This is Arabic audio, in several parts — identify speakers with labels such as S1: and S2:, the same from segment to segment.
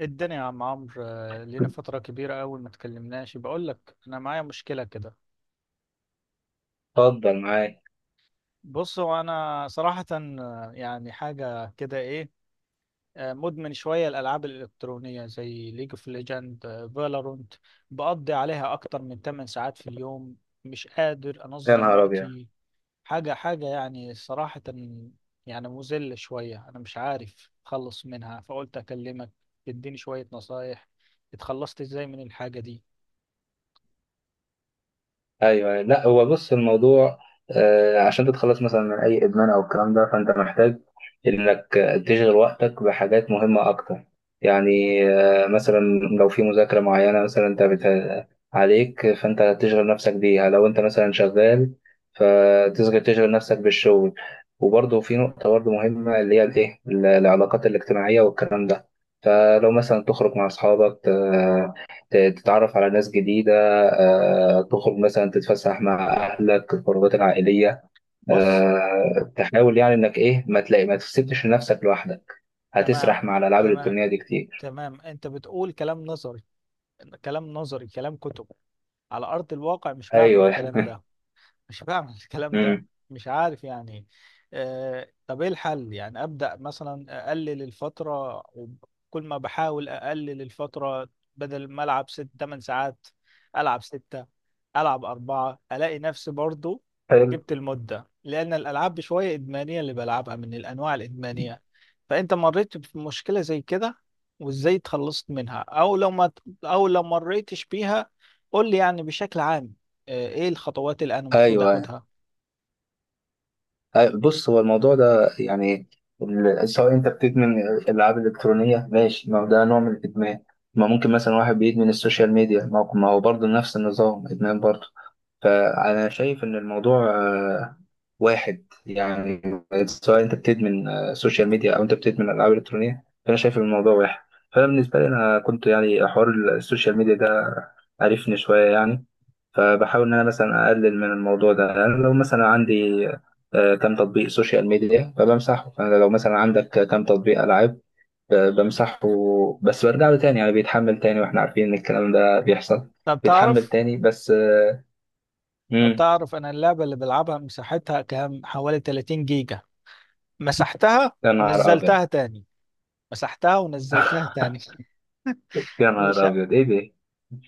S1: الدنيا يا عم عمرو، لينا فترة كبيرة أوي ما تكلمناش. بقول لك أنا معايا مشكلة كده.
S2: اتفضل معاك.
S1: بص، هو أنا صراحة يعني حاجة كده إيه. مدمن شوية الألعاب الإلكترونية زي ليج اوف ليجند، فالورنت. بقضي عليها أكتر من 8 ساعات في اليوم. مش قادر
S2: يا
S1: أنظم
S2: نهار ابيض!
S1: وقتي. حاجة يعني صراحة، يعني مذلة شوية. أنا مش عارف أخلص منها، فقلت أكلمك تديني شوية نصايح. اتخلصت إزاي من الحاجة دي؟
S2: ايوه، أيوة. لا، هو بص الموضوع. عشان تتخلص مثلا من اي ادمان او الكلام ده فانت محتاج انك تشغل وقتك بحاجات مهمه اكتر. يعني مثلا لو في مذاكره معينه مثلا عليك فانت تشغل نفسك بيها لو انت مثلا شغال فتشغل نفسك بالشغل. وبرضه في نقطه برضه مهمه اللي هي الايه العلاقات الاجتماعيه والكلام ده. فلو مثلا تخرج مع اصحابك تتعرف على ناس جديده، تخرج مثلا تتفسح مع اهلك الخروجات العائليه،
S1: بص.
S2: تحاول يعني انك ايه ما تلاقي، ما تسيبش نفسك لوحدك،
S1: تمام،
S2: هتسرح مع الالعاب
S1: تمام.
S2: الالكترونيه دي كتير.
S1: تمام، انت بتقول كلام نظري، كلام نظري، كلام كتب. على ارض الواقع مش بعمل
S2: ايوه
S1: الكلام ده. مش بعمل الكلام ده.
S2: أمم.
S1: مش عارف يعني. آه، طب ايه الحل؟ يعني ابدا مثلا اقلل الفتره، وكل ما بحاول اقلل الفتره، بدل ما العب ست تمن ساعات العب ستة، العب أربعة، الاقي نفسي برضو
S2: حلو.
S1: جبت المده. لان الالعاب بشويه ادمانيه، اللي بلعبها من الانواع الادمانيه. فانت مريت بمشكله زي كده وازاي اتخلصت منها، او لو ما او لو مريتش بيها قول لي يعني بشكل عام ايه الخطوات اللي انا المفروض
S2: ايوه
S1: اخدها؟
S2: أيوة. بص هو الموضوع ده يعني سواء انت بتدمن الالعاب الالكترونيه، ماشي، ما هو ده نوع من الادمان. ما ممكن مثلا واحد بيدمن السوشيال ميديا، ما هو برضه نفس النظام، ادمان برضه. فأنا شايف إن الموضوع واحد يعني. سواء أنت بتدمن سوشيال ميديا أو أنت بتدمن ألعاب إلكترونية فأنا شايف إن الموضوع واحد. فأنا بالنسبة لي أنا كنت يعني حوار السوشيال ميديا ده عرفني شوية يعني، فبحاول إن أنا مثلا أقلل من الموضوع ده. يعني لو مثلا عندي كام تطبيق سوشيال ميديا فبمسحه، فأنا لو مثلا عندك كام تطبيق ألعاب بمسحه. بس برجع له تاني، يعني بيتحمل تاني، وإحنا عارفين إن الكلام ده بيحصل،
S1: طب
S2: بيتحمل
S1: تعرف
S2: تاني بس.
S1: طب
S2: مم.
S1: تعرف انا اللعبة اللي بلعبها مساحتها كام؟ حوالي 30 جيجا. مسحتها
S2: يا نهار أبيض!
S1: ونزلتها تاني. مسحتها ونزلتها تاني.
S2: يا
S1: مش،
S2: نهار أبيض! إيه ده؟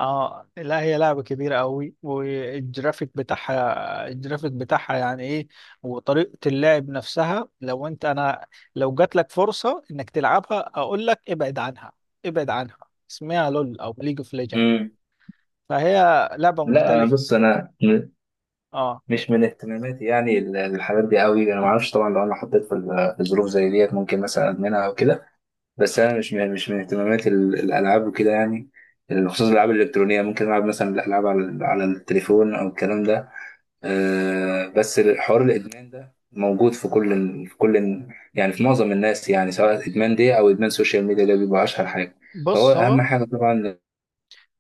S1: اه لا، هي لعبة كبيرة قوي، والجرافيك بتاعها، الجرافيك بتاعها يعني ايه. وطريقة اللعب نفسها، لو انت، انا لو جات لك فرصة انك تلعبها اقول لك ابعد عنها، ابعد عنها. اسمها لول او ليج اوف ليجند.
S2: مم.
S1: فهي لعبة
S2: لا، أنا
S1: مختلفة.
S2: بص،
S1: اه.
S2: مش من اهتماماتي، يعني الحاجات دي قوي. أنا ما أعرفش طبعا، لو أنا حطيت في ظروف زي ديت ممكن مثلا أدمنها أو كده. بس أنا مش من اهتماماتي الألعاب وكده يعني. بخصوص الألعاب الإلكترونية ممكن ألعب مثلا الألعاب على التليفون أو الكلام ده. أه بس حوار الإدمان ده موجود في كل يعني في معظم الناس، يعني سواء إدمان دي أو إدمان سوشيال ميديا، ده بيبقى أشهر حاجة، فهو
S1: بص، هو،
S2: أهم حاجة طبعا.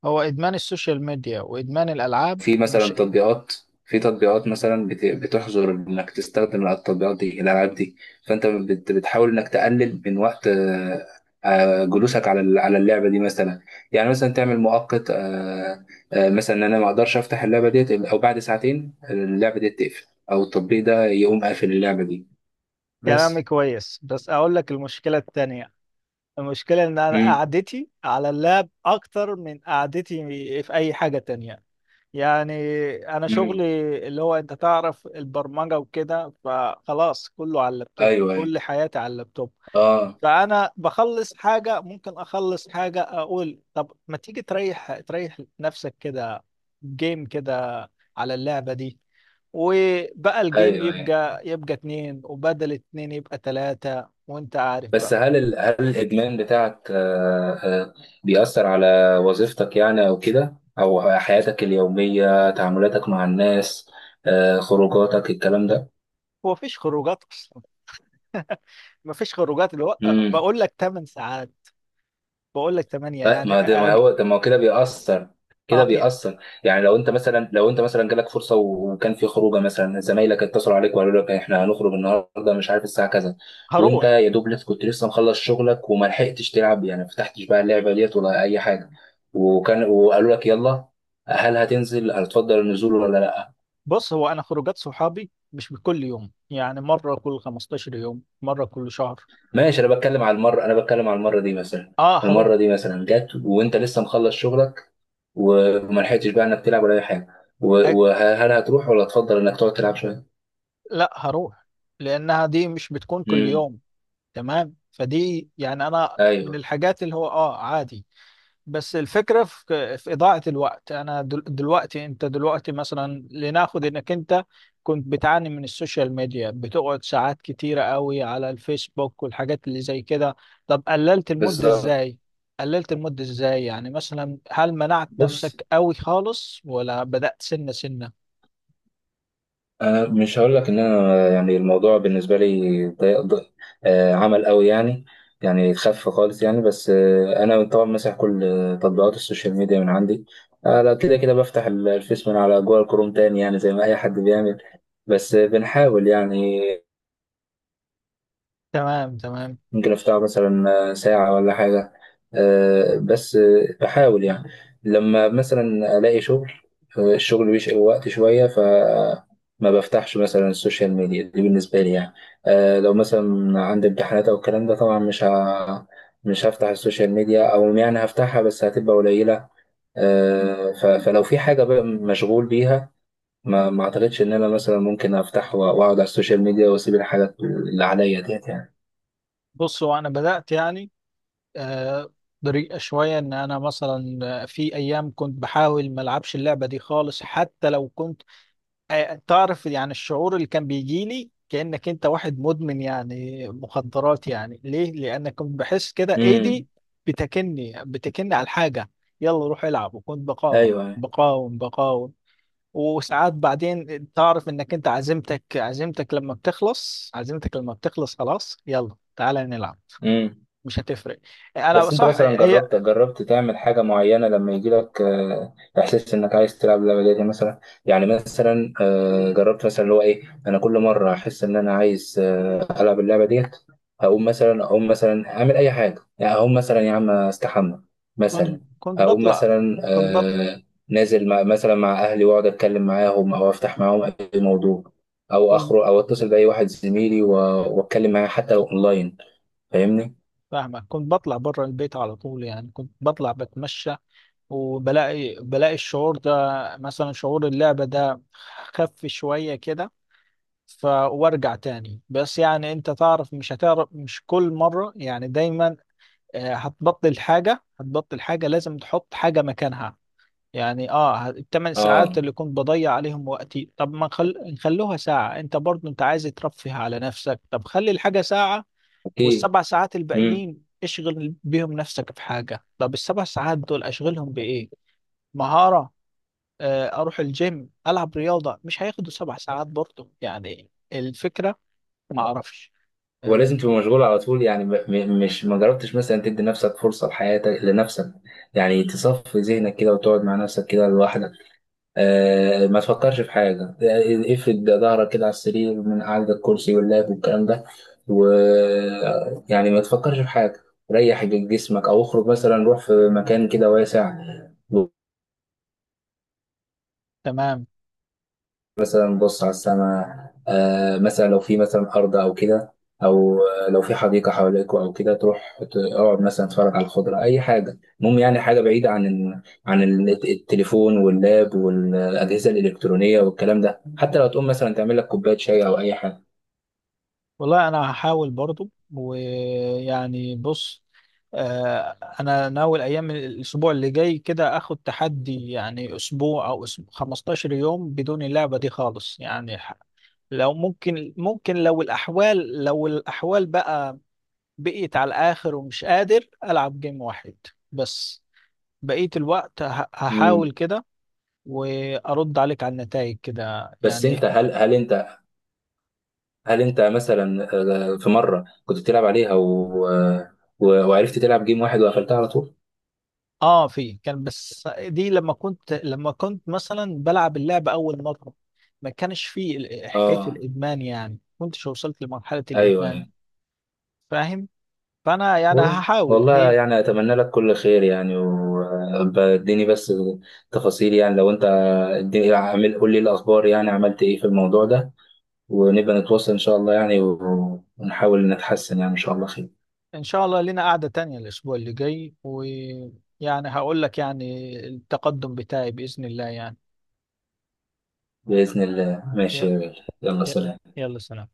S1: هو إدمان السوشيال ميديا وإدمان الألعاب
S2: في
S1: مش،
S2: مثلا تطبيقات، في تطبيقات مثلا بتحظر انك تستخدم التطبيقات دي، الالعاب دي، فانت بتحاول انك تقلل من وقت جلوسك على اللعبه دي مثلا. يعني مثلا تعمل مؤقت مثلا ان انا ما اقدرش افتح اللعبه ديت او بعد ساعتين اللعبه دي تقفل او التطبيق ده يقوم قافل اللعبه دي
S1: كلامي
S2: بس.
S1: كويس بس أقول لك المشكلة التانية. المشكلة إن أنا
S2: امم،
S1: قعدتي على اللاب أكتر من قعدتي في أي حاجة تانية. يعني أنا
S2: امم.
S1: شغلي اللي هو، أنت تعرف، البرمجة وكده، فخلاص كله على اللابتوب،
S2: ايوه، ايوه.
S1: كل حياتي على اللابتوب.
S2: اه.
S1: فانا بخلص حاجه، ممكن اخلص حاجه اقول طب ما تيجي تريح نفسك كده، جيم كده على اللعبه دي. وبقى الجيم
S2: ايوه، ايوه.
S1: يبقى، يبقى اتنين، وبدل اتنين يبقى تلاتة، وانت عارف
S2: بس
S1: بقى.
S2: هل الادمان بتاعك بيأثر على وظيفتك، يعني او كده، او حياتك اليومية، تعاملاتك مع الناس، خروجاتك، الكلام ده؟
S1: هو مفيش خروجات اصلا، مفيش خروجات اللي هو،
S2: مم.
S1: بقول لك 8 ساعات، بقول لك 8
S2: لا،
S1: يعني
S2: ما ده، ما
S1: أج...
S2: هو ده، ما هو كده بيأثر كده
S1: آه
S2: بيأثر يعني لو انت مثلا جالك فرصه وكان في خروجه مثلا، زمايلك اتصلوا عليك وقالوا لك احنا هنخرج النهارده مش عارف الساعه كذا، وانت
S1: هروح.
S2: يا دوب لسه كنت لسه مخلص شغلك وما لحقتش تلعب، يعني ما فتحتش بقى اللعبه ديت ولا اي حاجه، وقالوا لك يلا، هل هتنزل، هتفضل النزول ولا لا؟
S1: بص، هو انا خروجات صحابي مش بكل يوم، يعني مرة كل 15 يوم، مرة كل شهر.
S2: ماشي، انا بتكلم على المره دي مثلا.
S1: اه
S2: المره
S1: هروح.
S2: دي مثلا جت وانت لسه مخلص شغلك وما لحقتش بقى انك تلعب ولا اي حاجه، وهل هتروح ولا تفضل انك تقعد تلعب شويه؟
S1: لا هروح، لانها دي مش بتكون كل
S2: امم.
S1: يوم. تمام، فدي يعني انا
S2: ايوه
S1: من الحاجات اللي هو اه عادي. بس الفكرة في، في إضاعة الوقت. أنا دلوقتي، أنت دلوقتي مثلا، لناخد إنك أنت كنت بتعاني من السوشيال ميديا، بتقعد ساعات كتيرة قوي على الفيسبوك والحاجات اللي زي كده. طب قللت المدة
S2: بالظبط.
S1: إزاي؟ قللت المدة إزاي؟ يعني مثلا هل منعت
S2: بص،
S1: نفسك قوي خالص ولا بدأت سنة سنة؟
S2: انا مش هقول لك ان انا يعني الموضوع بالنسبه لي ضيق ضيق عمل قوي يعني، يعني خف خالص يعني. بس انا طبعا مسح كل تطبيقات السوشيال ميديا من عندي. لا كده كده بفتح الفيس من على جوجل كروم تاني يعني زي ما اي حد بيعمل. بس بنحاول يعني،
S1: تمام، تمام.
S2: ممكن افتحه مثلا ساعة ولا حاجة. بس بحاول يعني لما مثلا الاقي شغل، الشغل بيشغل وقت شوية، ف ما بفتحش مثلا السوشيال ميديا دي بالنسبة لي يعني. لو مثلا عندي امتحانات او الكلام ده طبعا مش هفتح السوشيال ميديا، او يعني هفتحها بس هتبقى قليلة. فلو في حاجة بقى مشغول بيها ما اعتقدش ان انا مثلا ممكن افتح واقعد على السوشيال ميديا واسيب الحاجات اللي عليا ديت يعني.
S1: بصوا، أنا بدأت يعني آه، طريقة شوية. إن أنا مثلا في أيام كنت بحاول ما ألعبش اللعبة دي خالص. حتى لو كنت، تعرف يعني، الشعور اللي كان بيجي لي كأنك أنت واحد مدمن يعني، مخدرات يعني. ليه؟ لأن كنت بحس كده
S2: امم.
S1: إيدي بتكني على الحاجة، يلا روح العب. وكنت بقاوم
S2: ايوه، أيوه.
S1: بقاوم بقاوم وساعات بعدين تعرف إنك أنت عزيمتك، عزيمتك لما بتخلص، خلاص يلا تعالى نلعب،
S2: امم.
S1: مش هتفرق. انا
S2: بس انت
S1: صح.
S2: مثلا
S1: هي،
S2: جربت تعمل حاجه معينه لما يجي لك احساس انك عايز تلعب اللعبه دي مثلا؟ يعني مثلا جربت مثلا اللي هو ايه، انا كل مره احس ان انا عايز العب اللعبه ديت، هقوم مثلا اقوم مثلا اعمل اي حاجه، يعني اقوم مثلا يا عم استحمى مثلا،
S1: كنت كنت
S2: اقوم
S1: بطلع
S2: مثلا
S1: كنت
S2: نازل مع اهلي واقعد اتكلم معاهم او افتح معاهم اي موضوع، او
S1: كنت
S2: اخرج او اتصل باي واحد زميلي واتكلم معاه حتى لو اونلاين. فاهمني؟
S1: فاهمك، كنت بطلع بره البيت على طول. يعني كنت بطلع بتمشى، وبلاقي، بلاقي الشعور ده، مثلا شعور اللعبة ده، خف شوية كده. ف وارجع تاني. بس يعني انت تعرف، مش هتعرف، مش كل مرة يعني دايما. هتبطل حاجة، هتبطل حاجة لازم تحط حاجة مكانها. يعني اه الثمان ساعات
S2: اه.
S1: اللي كنت بضيع عليهم وقتي، طب ما نخلوها ساعة، انت برضو انت عايز ترفه على نفسك، طب خلي الحاجة ساعة،
S2: ايه.
S1: والسبع ساعات
S2: امم.
S1: الباقيين اشغل بيهم نفسك بحاجة. طب السبع ساعات دول اشغلهم بإيه؟ مهارة، اروح الجيم، العب رياضة. مش هياخدوا سبع ساعات برضه يعني الفكرة. ما اعرفش.
S2: ولازم
S1: آه،
S2: تبقى مشغول على طول يعني؟ م- م- مش ما جربتش مثلا تدي نفسك فرصة لحياتك لنفسك، يعني تصفي ذهنك كده وتقعد مع نفسك كده لوحدك، ما تفكرش في حاجة، افرد ظهرك كده على السرير من قعدة الكرسي واللاب والكلام ده، و يعني ما تفكرش في حاجة، ريح جسمك، او اخرج مثلا روح في مكان كده واسع،
S1: تمام.
S2: نبص على السماء، مثلا لو في مثلا أرض أو كده، أو لو في حديقة حواليكوا أو كده تروح تقعد مثلا تتفرج على الخضرة، أي حاجة المهم يعني حاجة بعيدة عن التليفون واللاب والأجهزة الإلكترونية والكلام ده، حتى لو تقوم مثلا تعمل لك كوباية شاي أو أي حاجة.
S1: والله انا هحاول برضه. ويعني بص، آه، انا ناوي ايام الاسبوع اللي جاي كده اخد تحدي. يعني اسبوع او أسبوع 15 يوم بدون اللعبة دي خالص يعني. لو ممكن، ممكن، لو الأحوال، لو الأحوال بقى بقيت على الآخر ومش قادر، ألعب جيم واحد بس، بقية الوقت
S2: مم.
S1: هحاول كده، وأرد عليك على النتائج كده
S2: بس أنت،
S1: يعني.
S2: هل أنت مثلا في مرة كنت بتلعب عليها وعرفت تلعب جيم واحد وقفلتها على طول؟
S1: آه في، كان، بس دي لما كنت، لما كنت مثلا بلعب اللعبة أول مرة، ما كانش فيه حكاية
S2: آه،
S1: الإدمان، يعني كنتش وصلت لمرحلة
S2: أيوه،
S1: الإدمان.
S2: أيوه.
S1: فاهم؟ فأنا يعني هحاول.
S2: والله
S1: هي
S2: يعني أتمنى لك كل خير، يعني واديني بس تفاصيل، يعني لو أنت اديني، قول لي الأخبار، يعني عملت إيه في الموضوع ده، ونبقى نتواصل إن شاء الله، يعني ونحاول نتحسن يعني، إن شاء الله خير.
S1: إن شاء الله لنا قعدة تانية الأسبوع اللي جاي، ويعني هقول لك يعني التقدم بتاعي بإذن الله يعني.
S2: بإذن الله، ماشي
S1: ي-
S2: يا غالي. يلا،
S1: ي-
S2: سلام.
S1: يلا سلام.